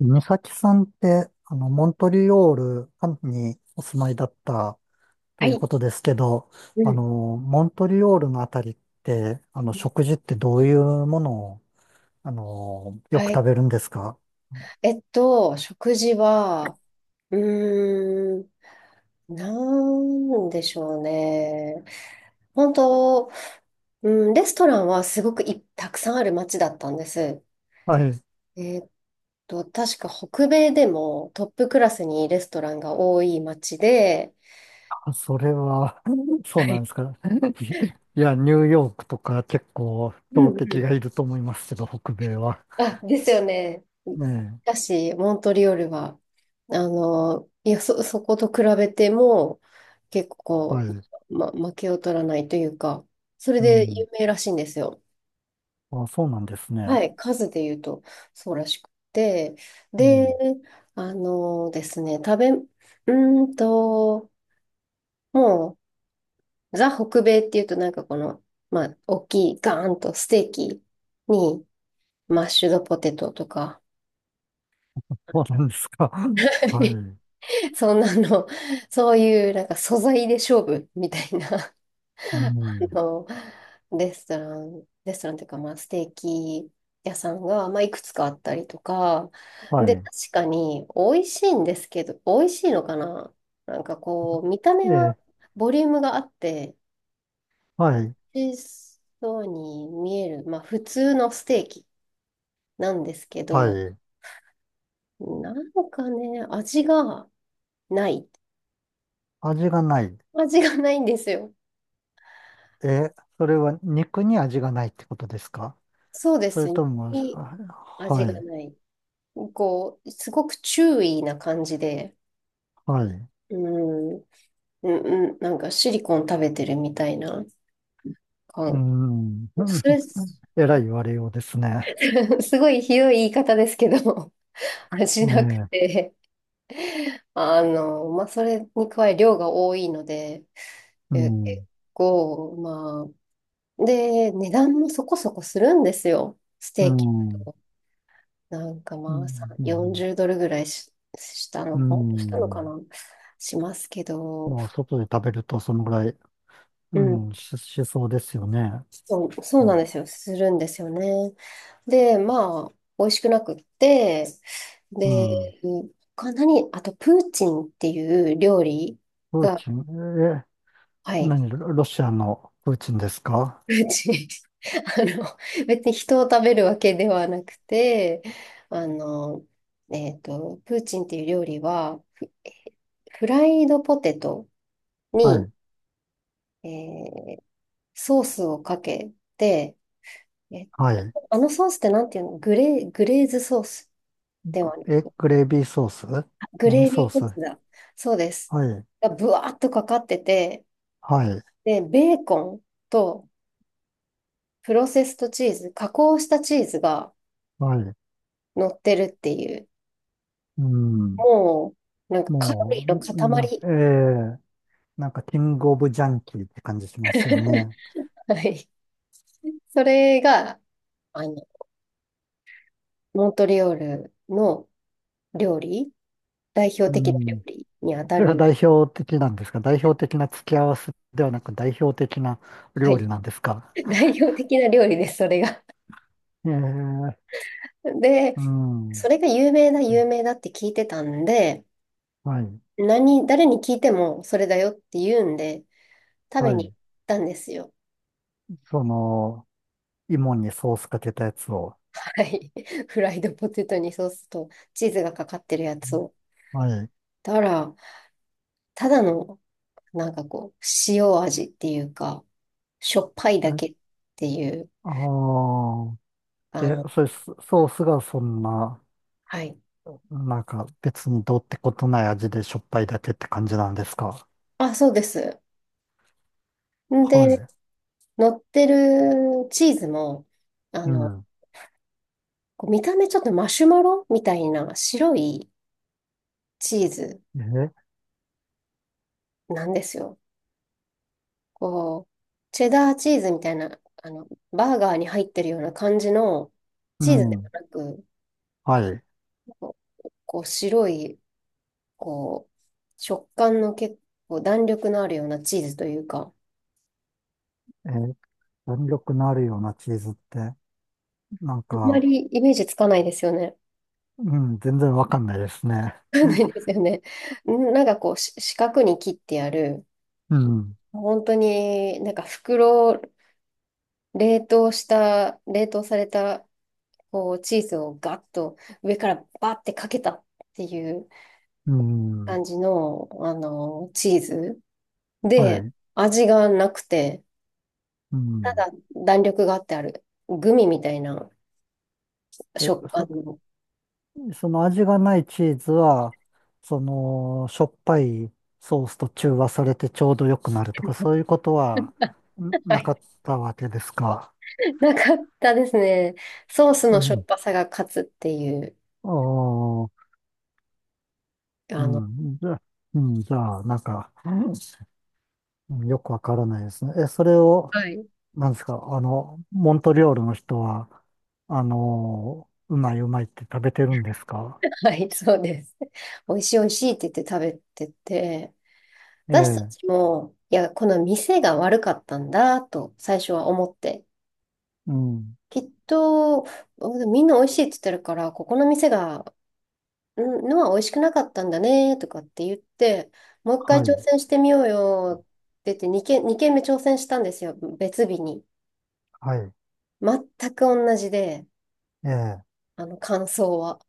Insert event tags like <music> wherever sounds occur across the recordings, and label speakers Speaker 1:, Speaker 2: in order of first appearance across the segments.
Speaker 1: 美咲さんって、モントリオールにお住まいだった
Speaker 2: は
Speaker 1: という
Speaker 2: い。
Speaker 1: ことですけど、
Speaker 2: うん。
Speaker 1: モントリオールのあたりって、食事ってどういうものを、よ
Speaker 2: は
Speaker 1: く
Speaker 2: い。
Speaker 1: 食べるんですか？
Speaker 2: 食事は、うーん、なんでしょうね。本当、うん、レストランはすごくたくさんある街だったんです。
Speaker 1: はい。
Speaker 2: えっ確か北米でもトップクラスにレストランが多い街で、
Speaker 1: あ、それは、<laughs> そ
Speaker 2: は
Speaker 1: うなん
Speaker 2: い。
Speaker 1: ですか。<laughs> いや、ニューヨークとか結構
Speaker 2: うう
Speaker 1: 強
Speaker 2: んう
Speaker 1: 敵が
Speaker 2: ん
Speaker 1: いると思いますけど、北米は。
Speaker 2: あ、ですよね。し
Speaker 1: ね
Speaker 2: かし、モントリオールは、そこと比べても、結
Speaker 1: え。
Speaker 2: 構こ
Speaker 1: はい。
Speaker 2: 負けを取らないというか、それ
Speaker 1: う
Speaker 2: で有
Speaker 1: ん。
Speaker 2: 名らしいんですよ。
Speaker 1: あ、そうなんですね。
Speaker 2: はい、数で言うと、そうらしくて。
Speaker 1: う
Speaker 2: で、
Speaker 1: ん。
Speaker 2: あのですね、食べ、うーんと、もう、ザ・北米っていうと、なんかこの、まあ、大きい、ガーンとステーキに、マッシュドポテトとか、
Speaker 1: そうなんですか。<laughs> は
Speaker 2: <laughs>
Speaker 1: い。
Speaker 2: そんなの、<laughs> そういうなんか素材で勝負みたいな、<laughs>
Speaker 1: うん。
Speaker 2: の、レストランというか、まあ、ステーキ屋さんが、まあ、いくつかあったりとか、
Speaker 1: は
Speaker 2: で、
Speaker 1: い。
Speaker 2: 確かに美味しいんですけど、美味しいのかな。なんかこう、見た
Speaker 1: え
Speaker 2: 目は
Speaker 1: え、
Speaker 2: ボリュームがあって、
Speaker 1: はい、
Speaker 2: 美味しそうに見える、まあ、普通のステーキなんですけ
Speaker 1: は
Speaker 2: ど、
Speaker 1: い。
Speaker 2: なんかね、味がない。
Speaker 1: 味がない。
Speaker 2: 味がないんですよ。
Speaker 1: え、それは肉に味がないってことですか？
Speaker 2: そうで
Speaker 1: それ
Speaker 2: すね。
Speaker 1: とも、あ、は
Speaker 2: 味が
Speaker 1: い、
Speaker 2: ない。こう、すごく注意な感じで、
Speaker 1: はい。う
Speaker 2: うん、うん、うんなんかシリコン食べてるみたいな感。
Speaker 1: ん。
Speaker 2: <laughs>
Speaker 1: <laughs>
Speaker 2: す
Speaker 1: えらい言われようですね。
Speaker 2: ごいひどい言い方ですけど、<laughs> 味
Speaker 1: え
Speaker 2: なく
Speaker 1: え、
Speaker 2: て、あの、まあ、それに加え量が多いので、
Speaker 1: う
Speaker 2: 結
Speaker 1: ん、
Speaker 2: 構、値段もそこそこするんですよ、ス
Speaker 1: う
Speaker 2: テーキだ
Speaker 1: ん、うん、
Speaker 2: と。なんか
Speaker 1: う
Speaker 2: まあ、
Speaker 1: ん。
Speaker 2: 40ドルぐらいし、した
Speaker 1: う
Speaker 2: の、したのか
Speaker 1: ん、
Speaker 2: な、しますけど、
Speaker 1: まあ、外で食べるとそのぐらい、
Speaker 2: う
Speaker 1: う
Speaker 2: ん。
Speaker 1: ん、しそうですよね。
Speaker 2: そう
Speaker 1: う
Speaker 2: なんで
Speaker 1: ん、
Speaker 2: すよ。するんですよね。で、まあ、美味しくなくって、
Speaker 1: う
Speaker 2: で、
Speaker 1: ん。
Speaker 2: あと、プーチンっていう料理
Speaker 1: プー
Speaker 2: が、
Speaker 1: チン、え、
Speaker 2: はい、
Speaker 1: 何、ロロシアのプーチンですか？
Speaker 2: プーチン。<laughs> あの、別に人を食べるわけではなくて、あの、プーチンっていう料理は、フライドポテト
Speaker 1: は
Speaker 2: に、
Speaker 1: い、
Speaker 2: えーソースをかけて、えっ
Speaker 1: はい。
Speaker 2: あのソースってなんていうの。グレーズソースで
Speaker 1: か。
Speaker 2: はない。
Speaker 1: え、グレービーソース？
Speaker 2: グ
Speaker 1: 何
Speaker 2: レー
Speaker 1: ソ
Speaker 2: ビ
Speaker 1: ー
Speaker 2: ーソ
Speaker 1: ス？
Speaker 2: ー
Speaker 1: は
Speaker 2: スだ。そうです。
Speaker 1: い、
Speaker 2: がぶわーっとかかってて、
Speaker 1: はい、
Speaker 2: で、ベーコンとプロセストチーズ、加工したチーズが
Speaker 1: はい。
Speaker 2: 乗ってるっていう、
Speaker 1: うん。
Speaker 2: もう、なんかカロリー
Speaker 1: も
Speaker 2: の
Speaker 1: う、え
Speaker 2: 塊。
Speaker 1: え、なんかキングオブジャンキーって感じしますよね。
Speaker 2: <laughs> はい。それが、あの、モントリオールの料理、代表
Speaker 1: う
Speaker 2: 的な料
Speaker 1: ん。
Speaker 2: 理にあた
Speaker 1: それ
Speaker 2: る
Speaker 1: が
Speaker 2: ん。
Speaker 1: 代表的なんですか？代表的な付き合わせではなく代表的な
Speaker 2: は
Speaker 1: 料
Speaker 2: い。
Speaker 1: 理なんですか？
Speaker 2: <laughs> 代表的な料理です、それが。
Speaker 1: ええ。
Speaker 2: <laughs> で、
Speaker 1: う
Speaker 2: そ
Speaker 1: ん。
Speaker 2: れが有名だって聞いてたんで、
Speaker 1: はい、
Speaker 2: 誰に聞いてもそれだよって言うんで、食
Speaker 1: は
Speaker 2: べ
Speaker 1: い。
Speaker 2: に行ったんですよ。
Speaker 1: その、芋にソースかけたやつを。
Speaker 2: はい。<laughs> フライドポテトにソースとチーズがかかってるやつを。
Speaker 1: はい。
Speaker 2: たら、ただの、なんかこう、塩味っていうか、しょっぱいだけっ
Speaker 1: え、
Speaker 2: ていう、
Speaker 1: ああ、
Speaker 2: あ
Speaker 1: え、
Speaker 2: の、
Speaker 1: それ、ソースがそんな、
Speaker 2: はい。
Speaker 1: なんか別にどうってことない味でしょっぱいだけって感じなんですか。
Speaker 2: あ、そうです。
Speaker 1: は
Speaker 2: で、
Speaker 1: い。
Speaker 2: 乗ってるチーズも、あ
Speaker 1: う
Speaker 2: の、
Speaker 1: ん。
Speaker 2: こう見た目ちょっとマシュマロみたいな白いチーズ
Speaker 1: え、
Speaker 2: なんですよ。こう、チェダーチーズみたいな、あの、バーガーに入ってるような感じの
Speaker 1: う
Speaker 2: チーズでも
Speaker 1: ん。
Speaker 2: なく、
Speaker 1: はい。
Speaker 2: こう、こう白い、こう、食感の結構弾力のあるようなチーズというか、
Speaker 1: え、弾力のあるようなチーズって、なん
Speaker 2: あんま
Speaker 1: か、
Speaker 2: りイメージつかないですよね。
Speaker 1: うん、全然わかんないですね。
Speaker 2: <laughs> つかないで
Speaker 1: <laughs>
Speaker 2: すよね。なんかこう、四角に切ってやる、
Speaker 1: うん。
Speaker 2: 本当になんか袋、冷凍された、こう、チーズをガッと上からバッてかけたっていう、
Speaker 1: うん。
Speaker 2: 感じの、あの、チーズ
Speaker 1: は
Speaker 2: で、
Speaker 1: い。
Speaker 2: 味がなくて、
Speaker 1: う
Speaker 2: た
Speaker 1: ん。
Speaker 2: だ弾力があってある、グミみたいな
Speaker 1: え、
Speaker 2: 食感の、
Speaker 1: その味がないチーズは、その、しょっぱいソースと中和されてちょうど良くなるとか、そういうことはん
Speaker 2: <laughs> は
Speaker 1: な
Speaker 2: い、
Speaker 1: かったわけですか。
Speaker 2: なかったですね。ソース
Speaker 1: う
Speaker 2: のしょっ
Speaker 1: ん。
Speaker 2: ぱさが勝つっていう、
Speaker 1: ああ。う
Speaker 2: あの、
Speaker 1: ん。じゃあ、うん、じゃあ、なんか、うん、よくわからないですね。え、それを、
Speaker 2: はい、
Speaker 1: なんですか、モントリオールの人は、うまいうまいって食べてるんですか？
Speaker 2: はい、そうです。美味しい美味しいって言って食べてて、
Speaker 1: え
Speaker 2: 私た
Speaker 1: え、
Speaker 2: ちも、いや、この店が悪かったんだと最初は思って、
Speaker 1: うん、
Speaker 2: きっと、みんな美味しいって言ってるから、ここの店がんのは美味しくなかったんだねとかって言って、もう一回
Speaker 1: は
Speaker 2: 挑
Speaker 1: い、
Speaker 2: 戦してみようよって言って2件二軒目挑戦したんですよ、別日に。
Speaker 1: はい、
Speaker 2: 全く同じで、
Speaker 1: ええ、
Speaker 2: あの感想は。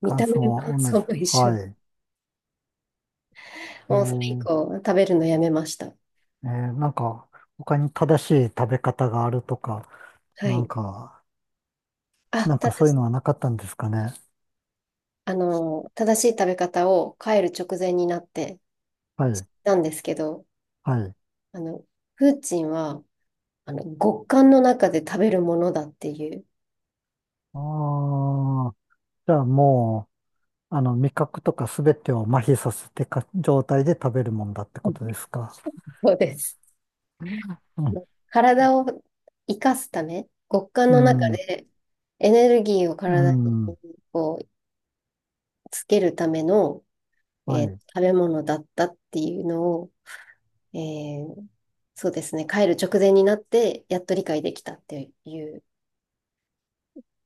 Speaker 2: 見
Speaker 1: 感
Speaker 2: た目
Speaker 1: 想
Speaker 2: の
Speaker 1: は
Speaker 2: 感
Speaker 1: 同
Speaker 2: 想
Speaker 1: じ。
Speaker 2: も一緒
Speaker 1: は
Speaker 2: で。
Speaker 1: い。ええ、
Speaker 2: もうそれ以降、食べるのやめました。
Speaker 1: ええ、なんか、他に正しい食べ方があるとか、
Speaker 2: は
Speaker 1: なん
Speaker 2: い。
Speaker 1: か、
Speaker 2: あ、
Speaker 1: なん
Speaker 2: た
Speaker 1: か
Speaker 2: だ
Speaker 1: そういう
Speaker 2: し、
Speaker 1: のはなかったんですかね。
Speaker 2: あの、正しい食べ方を帰る直前になって
Speaker 1: はい、
Speaker 2: たんですけど、
Speaker 1: はい。
Speaker 2: あの、プーチンは、あの、極寒の中で食べるものだっていう。
Speaker 1: ああ、じゃあもう、味覚とかすべてを麻痺させてか、状態で食べるもんだってことですか。
Speaker 2: そうです。
Speaker 1: うん、
Speaker 2: 体を生かすため、極寒
Speaker 1: う
Speaker 2: の中
Speaker 1: ん、
Speaker 2: でエネルギーを
Speaker 1: う
Speaker 2: 体に
Speaker 1: ん。
Speaker 2: こうつけるための、
Speaker 1: は
Speaker 2: えー
Speaker 1: い。
Speaker 2: 食べ物だったっていうのを、えーそうですね、帰る直前になってやっと理解できたっていう。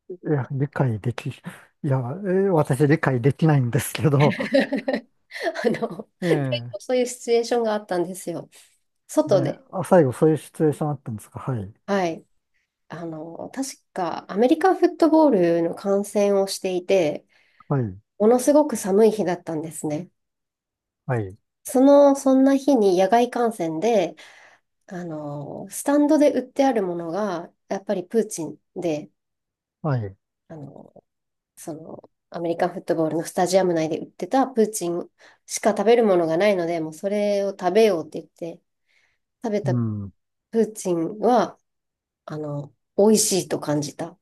Speaker 1: いや、理解
Speaker 2: <laughs>
Speaker 1: でき、いや、私理解できないんですけど、
Speaker 2: あの、結構
Speaker 1: <laughs> ええ
Speaker 2: そういうシチュエーションがあったんですよ。
Speaker 1: え
Speaker 2: 外
Speaker 1: え
Speaker 2: で、
Speaker 1: あ、最後そういうシチュエーションあったんですか。はい、
Speaker 2: はい。あの、確かアメリカンフットボールの観戦をしていて、
Speaker 1: はい、
Speaker 2: ものすごく寒い日だったんですね。
Speaker 1: はい、
Speaker 2: そんな日に野外観戦で、あの、スタンドで売ってあるものが、やっぱりプーチンで、
Speaker 1: はい。
Speaker 2: あの、その、アメリカンフットボールのスタジアム内で売ってたプーチンしか食べるものがないので、もうそれを食べようって言って、食べた
Speaker 1: う
Speaker 2: プ
Speaker 1: ん、
Speaker 2: ーチンは、あの、美味しいと感じた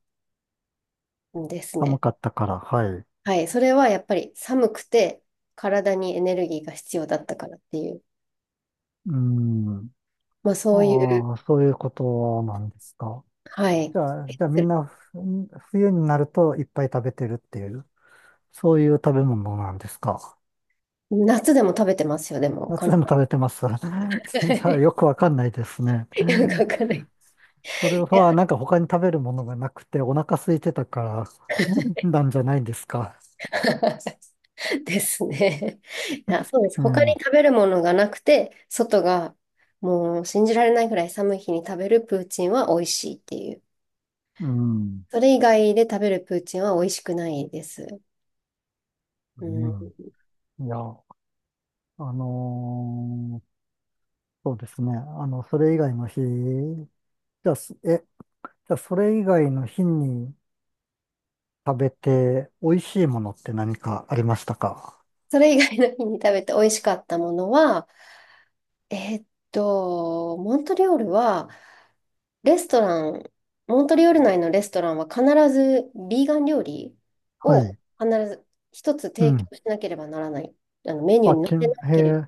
Speaker 2: んです
Speaker 1: 寒
Speaker 2: ね。
Speaker 1: かったから、はい。
Speaker 2: はい。それはやっぱり寒くて、体にエネルギーが必要だったからっていう、
Speaker 1: うん、
Speaker 2: まあそういう、
Speaker 1: ああ、そういうことなんですか。
Speaker 2: はい。
Speaker 1: じゃあ、みんな冬になるといっぱい食べてるっていう。そういう食べ物なんですか。
Speaker 2: 夏でも食べてますよ、でも。
Speaker 1: 夏でも食べてます。<laughs> じ
Speaker 2: <laughs>
Speaker 1: ゃあ
Speaker 2: よ
Speaker 1: よくわかんないですね。
Speaker 2: くわかんない。
Speaker 1: それ
Speaker 2: い
Speaker 1: は
Speaker 2: や。
Speaker 1: なんか他に食べるものがなくてお腹空いてたから <laughs> なんじゃないんですか。
Speaker 2: <laughs> ですね。いや、そうです。
Speaker 1: う
Speaker 2: 他に
Speaker 1: ん、
Speaker 2: 食べるものがなくて、外がもう信じられないぐらい寒い日に食べるプーチンは美味しいっていう。
Speaker 1: うん、
Speaker 2: それ以外で食べるプーチンは美味しくないです。
Speaker 1: う
Speaker 2: うん。
Speaker 1: ん。いや、のーそうですね。それ以外の日、ゃあ、すえ、じゃあそれ以外の日に食べて美味しいものって何かありましたか？
Speaker 2: それ以外の日に食べて美味しかったものは、えーっと、レストラン、モントリオール内のレストランは必ずビーガン料理
Speaker 1: は
Speaker 2: を
Speaker 1: い。
Speaker 2: 必ず一つ
Speaker 1: う
Speaker 2: 提
Speaker 1: ん。
Speaker 2: 供しなければならない。あのメニュー
Speaker 1: あ、
Speaker 2: に載せな
Speaker 1: へ
Speaker 2: けれ
Speaker 1: え。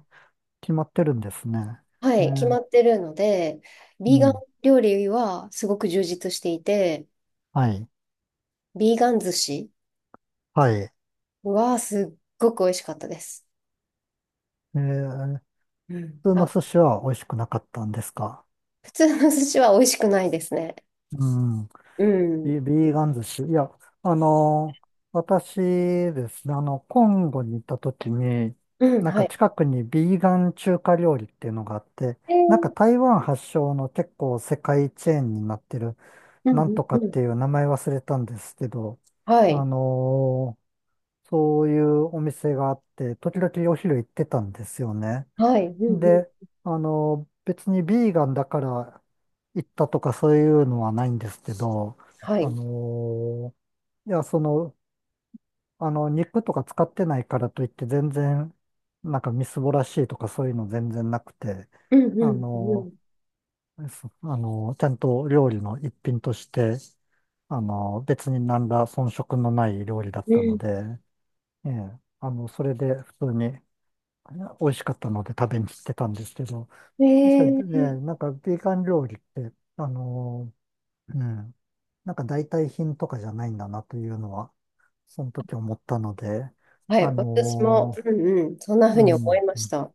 Speaker 1: 決まってるんですね。
Speaker 2: ば、は
Speaker 1: え
Speaker 2: い、決ま
Speaker 1: ー、
Speaker 2: ってるので、
Speaker 1: う
Speaker 2: ビーガン
Speaker 1: ん。
Speaker 2: 料理はすごく充実していて、
Speaker 1: はい。
Speaker 2: ビーガン寿司
Speaker 1: はい。
Speaker 2: はすっごく美味しかったです。
Speaker 1: ー、
Speaker 2: うん。
Speaker 1: 普通の
Speaker 2: あ、
Speaker 1: 寿司は美味しくなかったんですか？
Speaker 2: 普通の寿司は美味しくないですね。
Speaker 1: うん。
Speaker 2: うん。
Speaker 1: ビーガン寿司。いや、私ですね、コンゴに行った時に、
Speaker 2: うん、
Speaker 1: なん
Speaker 2: は
Speaker 1: か
Speaker 2: い。
Speaker 1: 近くにビーガン中華料理っていうのがあって、
Speaker 2: え
Speaker 1: なんか
Speaker 2: ー、
Speaker 1: 台湾発祥の結構世界チェーンになってる、
Speaker 2: うん、
Speaker 1: なん
Speaker 2: うん、
Speaker 1: と
Speaker 2: う
Speaker 1: かっ
Speaker 2: ん。
Speaker 1: ていう名前忘れたんですけど、
Speaker 2: は
Speaker 1: あ
Speaker 2: い。
Speaker 1: のーそういうお店があって、時々お昼行ってたんですよね。
Speaker 2: はい。うん、う
Speaker 1: で、
Speaker 2: ん。
Speaker 1: 別にビーガンだから行ったとかそういうのはないんですけど、
Speaker 2: は
Speaker 1: あ
Speaker 2: い。
Speaker 1: の、いや、肉とか使ってないからといって全然、なんかみすぼらしいとかそういうの全然なくて、
Speaker 2: うん、う
Speaker 1: あ
Speaker 2: ん、う
Speaker 1: の、
Speaker 2: ん。
Speaker 1: そあの、ちゃんと料理の一品として、別に何ら遜色のない料理だっ
Speaker 2: う
Speaker 1: たの
Speaker 2: ん
Speaker 1: で、ええ、それで普通に美味しかったので食べに行ってたんですけど、確か
Speaker 2: え
Speaker 1: にね、
Speaker 2: え
Speaker 1: なんかビーガン料理って、うん、なんか代替品とかじゃないんだなというのは、その時思ったので、
Speaker 2: は
Speaker 1: あ
Speaker 2: い、私も、
Speaker 1: の、
Speaker 2: うんうん、そんな風
Speaker 1: う
Speaker 2: に思い
Speaker 1: ん、
Speaker 2: ました。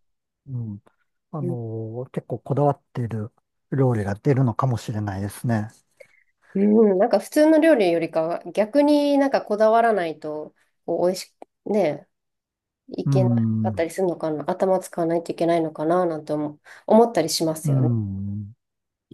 Speaker 1: うん、
Speaker 2: うん、
Speaker 1: 結構こだわっている料理が出るのかもしれないですね。
Speaker 2: うん。なんか普通の料理よりかは、逆になんかこだわらないと、こう、美味しく、ね、い
Speaker 1: う
Speaker 2: けなかった
Speaker 1: ん、
Speaker 2: りするのかな、頭使わないといけないのかな、なんて思、思ったりします
Speaker 1: う
Speaker 2: よね。
Speaker 1: ん。